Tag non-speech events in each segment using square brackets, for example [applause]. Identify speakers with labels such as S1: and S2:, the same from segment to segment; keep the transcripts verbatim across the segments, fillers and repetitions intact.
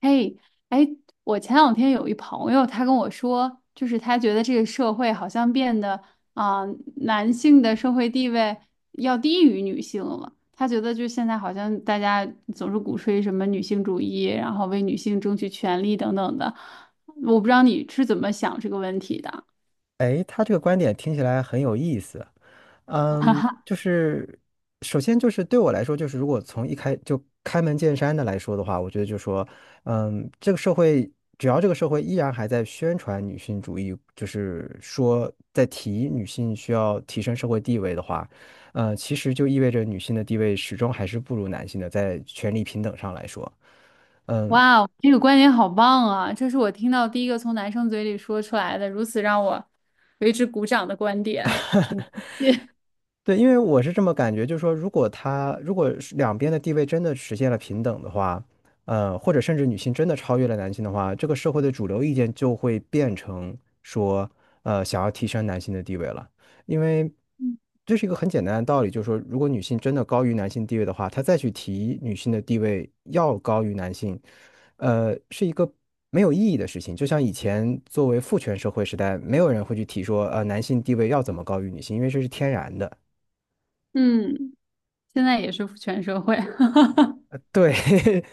S1: 嘿，哎，我前两天有一朋友，他跟我说，就是他觉得这个社会好像变得啊、男性的社会地位要低于女性了。他觉得就现在好像大家总是鼓吹什么女性主义，然后为女性争取权利等等的。我不知道你是怎么想这个问题的。
S2: 哎，他这个观点听起来很有意思。嗯，就是首先就是对我来说，就是如果从一开就开门见山的来说的话，我觉得就说，嗯，这个社会只要这个社会依然还在宣传女性主义，就是说在提女性需要提升社会地位的话，嗯，其实就意味着女性的地位始终还是不如男性的，在权力平等上来说。嗯。
S1: 哇哦，这个观点好棒啊！这是我听到第一个从男生嘴里说出来的，如此让我为之鼓掌的观点。[laughs] 请。
S2: 对，因为我是这么感觉，就是说，如果他如果是两边的地位真的实现了平等的话，呃，或者甚至女性真的超越了男性的话，这个社会的主流意见就会变成说，呃，想要提升男性的地位了，因为这是一个很简单的道理，就是说，如果女性真的高于男性地位的话，她再去提女性的地位要高于男性，呃，是一个没有意义的事情。就像以前作为父权社会时代，没有人会去提说，呃，男性地位要怎么高于女性，因为这是天然的。
S1: 嗯，现在也是全社会。
S2: 对，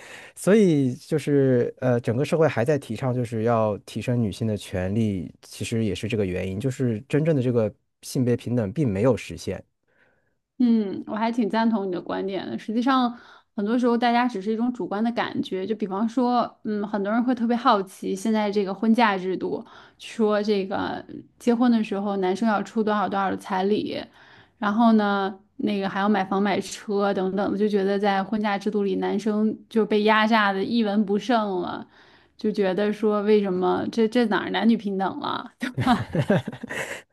S2: [laughs] 所以就是呃，整个社会还在提倡就是要提升女性的权利，其实也是这个原因，就是真正的这个性别平等并没有实现。
S1: 嗯，我还挺赞同你的观点的。实际上，很多时候大家只是一种主观的感觉。就比方说，嗯，很多人会特别好奇现在这个婚嫁制度，说这个结婚的时候男生要出多少多少的彩礼，然后呢，那个还要买房买车等等，就觉得在婚嫁制度里，男生就被压榨的一文不剩了，就觉得说为什么这这哪儿男女平等了？[laughs]
S2: [laughs]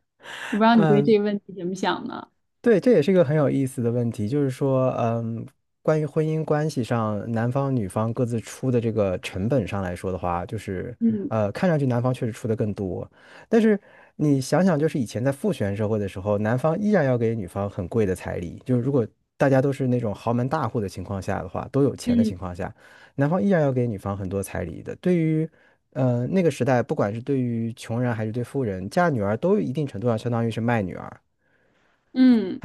S1: 我不知道你对
S2: 嗯。
S1: 这个问题怎么想呢？
S2: 对，这也是一个很有意思的问题，就是说，嗯，关于婚姻关系上，男方女方各自出的这个成本上来说的话，就是，呃，看上去男方确实出的更多，但是你想想，就是以前在父权社会的时候，男方依然要给女方很贵的彩礼，就是如果大家都是那种豪门大户的情况下的话，都有钱的
S1: 嗯
S2: 情况下，男方依然要给女方很多彩礼的。对于，呃，那个时代，不管是对于穷人还是对富人，嫁女儿都一定程度上相当于是卖女儿。
S1: 嗯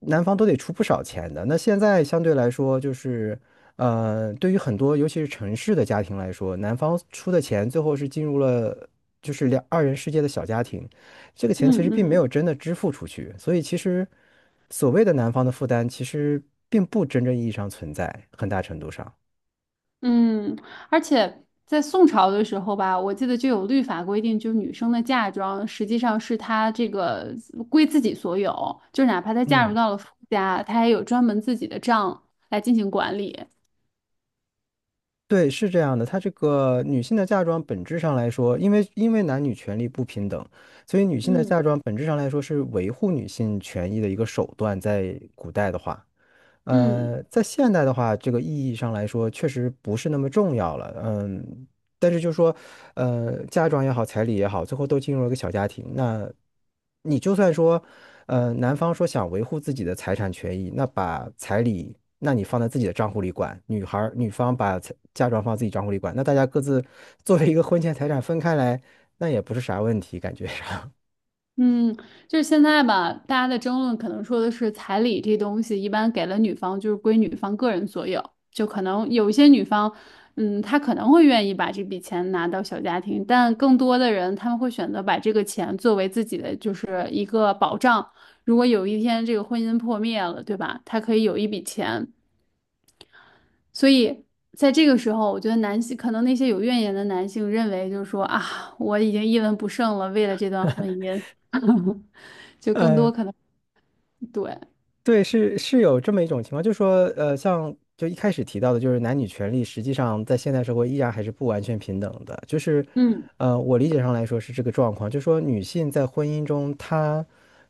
S2: 男方都得出不少钱的。那现在相对来说，就是，呃，对于很多尤其是城市的家庭来说，男方出的钱最后是进入了就是两二人世界的小家庭，这个钱其实
S1: 嗯嗯嗯。
S2: 并没
S1: 嗯
S2: 有真的支付出去，所以其实所谓的男方的负担，其实并不真正意义上存在，很大程度上。
S1: 嗯，而且在宋朝的时候吧，我记得就有律法规定，就是女生的嫁妆实际上是她这个归自己所有，就哪怕她嫁入
S2: 嗯。
S1: 到了夫家，她也有专门自己的账来进行管理。
S2: 对，是这样的，它这个女性的嫁妆本质上来说，因为因为男女权利不平等，所以女性的
S1: 嗯，
S2: 嫁妆本质上来说是维护女性权益的一个手段，在古代的话。
S1: 嗯。
S2: 呃，在现代的话，这个意义上来说，确实不是那么重要了。嗯，但是就是说，呃，嫁妆也好，彩礼也好，最后都进入了一个小家庭。那你就算说，呃，男方说想维护自己的财产权益，那把彩礼，那你放在自己的账户里管，女孩儿女方把彩嫁妆放自己账户里管，那大家各自作为一个婚前财产分开来，那也不是啥问题，感觉上。
S1: 嗯，就是现在吧，大家的争论可能说的是彩礼这东西一般给了女方就是归女方个人所有，就可能有一些女方，嗯，她可能会愿意把这笔钱拿到小家庭，但更多的人他们会选择把这个钱作为自己的就是一个保障，如果有一天这个婚姻破灭了，对吧？她可以有一笔钱。所以在这个时候，我觉得男性可能那些有怨言的男性认为，就是说啊，我已经一文不剩了，为了这段婚姻，[laughs] 就更多可
S2: [laughs]
S1: 能对，
S2: 对，是是有这么一种情况，就是说，呃，像就一开始提到的，就是男女权利实际上在现代社会依然还是不完全平等的。就是，
S1: 嗯
S2: 呃，我理解上来说是这个状况，就是说女性在婚姻中，她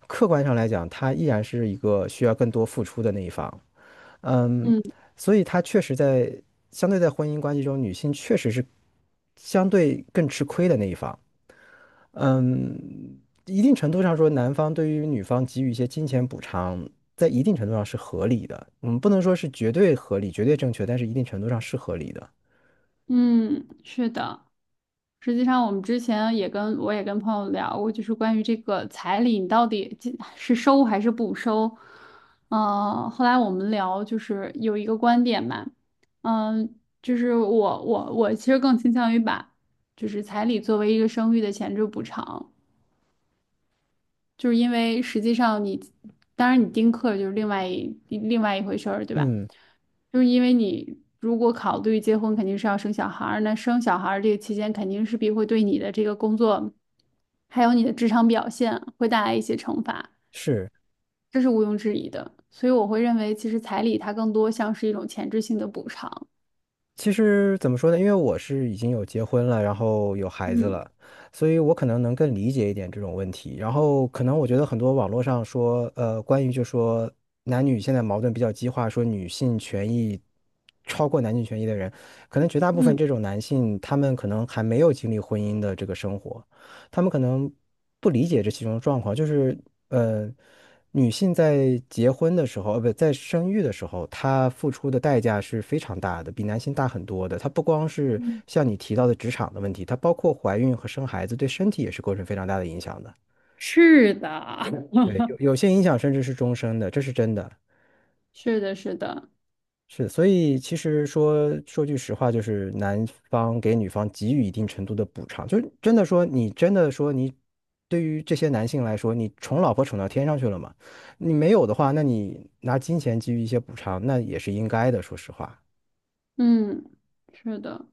S2: 客观上来讲，她依然是一个需要更多付出的那一方。嗯，
S1: 嗯
S2: 所以她确实在相对在婚姻关系中，女性确实是相对更吃亏的那一方。嗯，一定程度上说，男方对于女方给予一些金钱补偿，在一定程度上是合理的。我们不能说是绝对合理、绝对正确，但是一定程度上是合理的。
S1: 嗯，是的。实际上，我们之前也跟我也跟朋友聊过，就是关于这个彩礼，你到底进是收还是不收？嗯、后来我们聊，就是有一个观点嘛，嗯、就是我我我其实更倾向于把就是彩礼作为一个生育的前置补偿，就是因为实际上你，当然你丁克就是另外一另外一回事儿，对吧？
S2: 嗯，
S1: 就是因为你如果考虑结婚，肯定是要生小孩儿，那生小孩儿这个期间肯定势必会对你的这个工作，还有你的职场表现会带来一些惩罚，
S2: 是。
S1: 这是毋庸置疑的。所以我会认为，其实彩礼它更多像是一种前置性的补偿。
S2: 其实怎么说呢？因为我是已经有结婚了，然后有孩子
S1: 嗯
S2: 了，所以我可能能更理解一点这种问题。然后可能我觉得很多网络上说，呃，关于就说男女现在矛盾比较激化，说女性权益超过男性权益的人，可能绝大部分
S1: 嗯，
S2: 这种男性，他们可能还没有经历婚姻的这个生活，他们可能不理解这其中的状况，就是呃，女性在结婚的时候，呃，不，在生育的时候，她付出的代价是非常大的，比男性大很多的。她不光是
S1: 嗯，
S2: 像你提到的职场的问题，她包括怀孕和生孩子，对身体也是构成非常大的影响的。
S1: 是的，
S2: 对，有有些影响甚至是终身的，这是真的。
S1: 是的，是的，
S2: 是，所以其实说说句实话，就是男方给女方给予一定程度的补偿，就是真的说你真的说你对于这些男性来说，你宠老婆宠到天上去了嘛？你没有的话，那你拿金钱给予一些补偿，那也是应该的，说实话。
S1: 嗯，是的。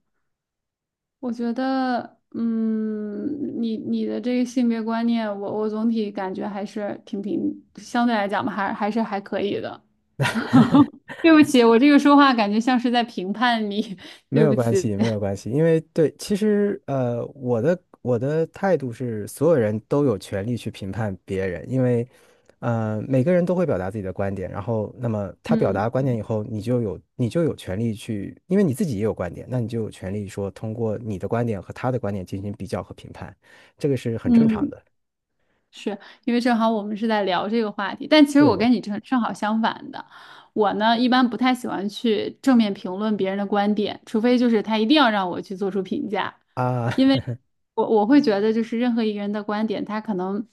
S1: 我觉得，嗯，你你的这个性别观念，我我总体感觉还是挺平，相对来讲吧，还还是还可以的。对不起，我这个说话感觉像是在评判你，[laughs]
S2: 没
S1: 对
S2: 有
S1: 不
S2: 关
S1: 起。
S2: 系，没有关系，因为对，其实呃，我的我的态度是，所有人都有权利去评判别人，因为呃，每个人都会表达自己的观点，然后那么他表达
S1: 嗯
S2: 观点以后，你就有你就有权利去，因为你自己也有观点，那你就有权利说通过你的观点和他的观点进行比较和评判，这个是很正常
S1: 嗯。
S2: 的。
S1: 是因为正好我们是在聊这个话题，但其实
S2: 是
S1: 我
S2: 的。
S1: 跟你正正好相反的，我呢一般不太喜欢去正面评论别人的观点，除非就是他一定要让我去做出评价，
S2: 啊，
S1: 因为我我会觉得就是任何一个人的观点，他可能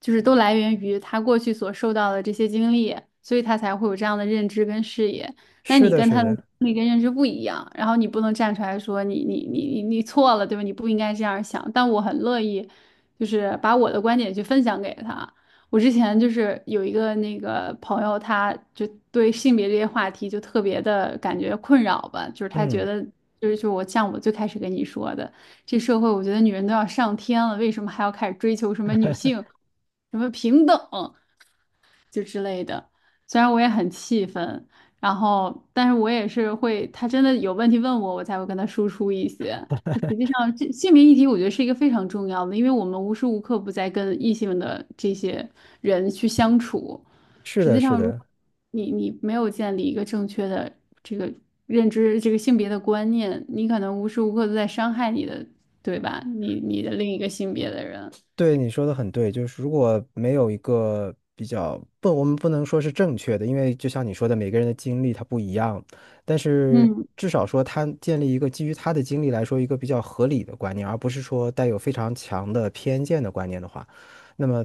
S1: 就是都来源于他过去所受到的这些经历，所以他才会有这样的认知跟视野。
S2: [laughs]
S1: 那
S2: 是
S1: 你
S2: 的，
S1: 跟
S2: 是
S1: 他的
S2: 的，
S1: 经历跟认知不一样，然后你不能站出来说你你你你你错了，对吧？你不应该这样想，但我很乐意。就是把我的观点去分享给他。我之前就是有一个那个朋友，他就对性别这些话题就特别的感觉困扰吧，就是他觉
S2: 嗯，
S1: 得就是就我像我最开始跟你说的，这社会我觉得女人都要上天了，为什么还要开始追求什么女性，什么平等？就之类的。虽然我也很气愤，然后但是我也是会，他真的有问题问我，我才会跟他输出一些。就实际上，这性别议题我觉得是一个非常重要的，因为我们无时无刻不在跟异性的这些人去相处。
S2: 是
S1: 实
S2: 的，
S1: 际
S2: 是
S1: 上，如
S2: 的。
S1: 果你你没有建立一个正确的这个认知，这个性别的观念，你可能无时无刻都在伤害你的，对吧？你你的另一个性别的人。
S2: 对，你说的很对，就是如果没有一个比较，不，我们不能说是正确的，因为就像你说的，每个人的经历他不一样，但是
S1: 嗯
S2: 至少说他建立一个基于他的经历来说一个比较合理的观念，而不是说带有非常强的偏见的观念的话，那么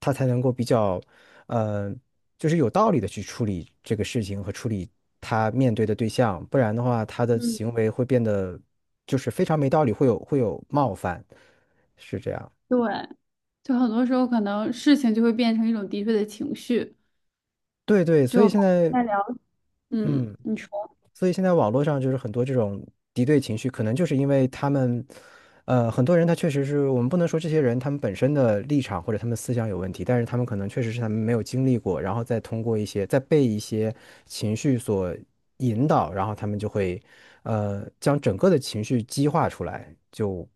S2: 他才能够比较，呃，就是有道理的去处理这个事情和处理他面对的对象，不然的话，他的
S1: 嗯，
S2: 行为会变得就是非常没道理，会有会有冒犯，是这样。
S1: 对。就很多时候可能事情就会变成一种敌对的情绪，
S2: 对对，所以
S1: 就
S2: 现在，
S1: 在聊，嗯，
S2: 嗯，
S1: 你说，
S2: 所以现在网络上就是很多这种敌对情绪，可能就是因为他们，呃，很多人他确实是我们不能说这些人他们本身的立场或者他们思想有问题，但是他们可能确实是他们没有经历过，然后再通过一些再被一些情绪所引导，然后他们就会，呃，将整个的情绪激化出来，就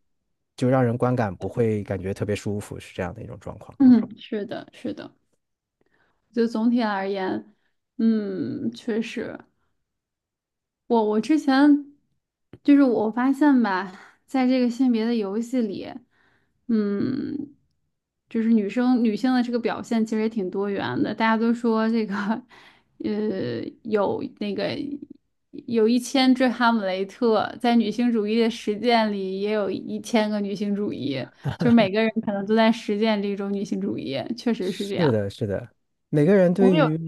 S2: 就让人观感不会感觉特别舒服，是这样的一种状况。
S1: 嗯，是的，是的，就总体而言，嗯，确实。我我之前就是我发现吧，在这个性别的游戏里，嗯，就是女生女性的这个表现其实也挺多元的。大家都说这个，呃，有那个有一千只哈姆雷特，在女性主义的实践里也有一千个女性主义，就是每个人可能都在实践这种女性主义，确实是这样。
S2: 每个人
S1: 我
S2: 对
S1: 有，
S2: 于，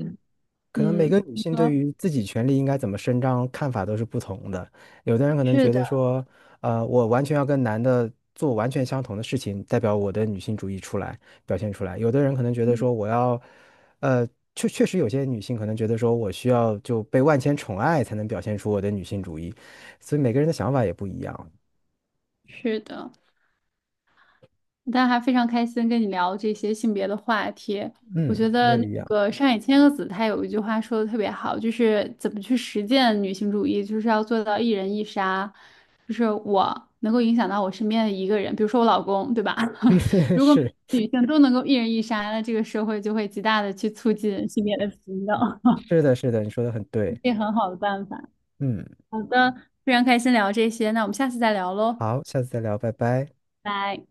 S2: 可能每个
S1: 嗯，
S2: 女
S1: 你
S2: 性对
S1: 说
S2: 于自己权利应该怎么伸张看法都是不同的。有的人可能
S1: 是
S2: 觉得
S1: 的，
S2: 说，呃，我完全要跟男的做完全相同的事情，代表我的女性主义出来，表现出来。有的人可能觉得说，我要，呃，确确实有些女性可能觉得说我需要就被万千宠爱才能表现出我的女性主义，所以每个人的想法也不一样。
S1: 是的。大家还非常开心跟你聊这些性别的话题。我
S2: 嗯，
S1: 觉
S2: 我
S1: 得嗯
S2: 也
S1: 那个上野千鹤子她有一句话说的特别好，就是怎么去实践女性主义，就是要做到一人一杀，就是我能够影响到我身边的一个人，比如说我老公，对吧？[laughs]
S2: [laughs]
S1: 如果
S2: 是
S1: 女性都能够一人一杀，那这个社会就会极大的去促进性别的平等，
S2: 是的，是的，你说的很对。
S1: [laughs] 这很好的办法。
S2: 嗯，
S1: 好的，非常开心聊这些，那我们下次再聊喽，
S2: 好，下次再聊，拜拜。
S1: 拜。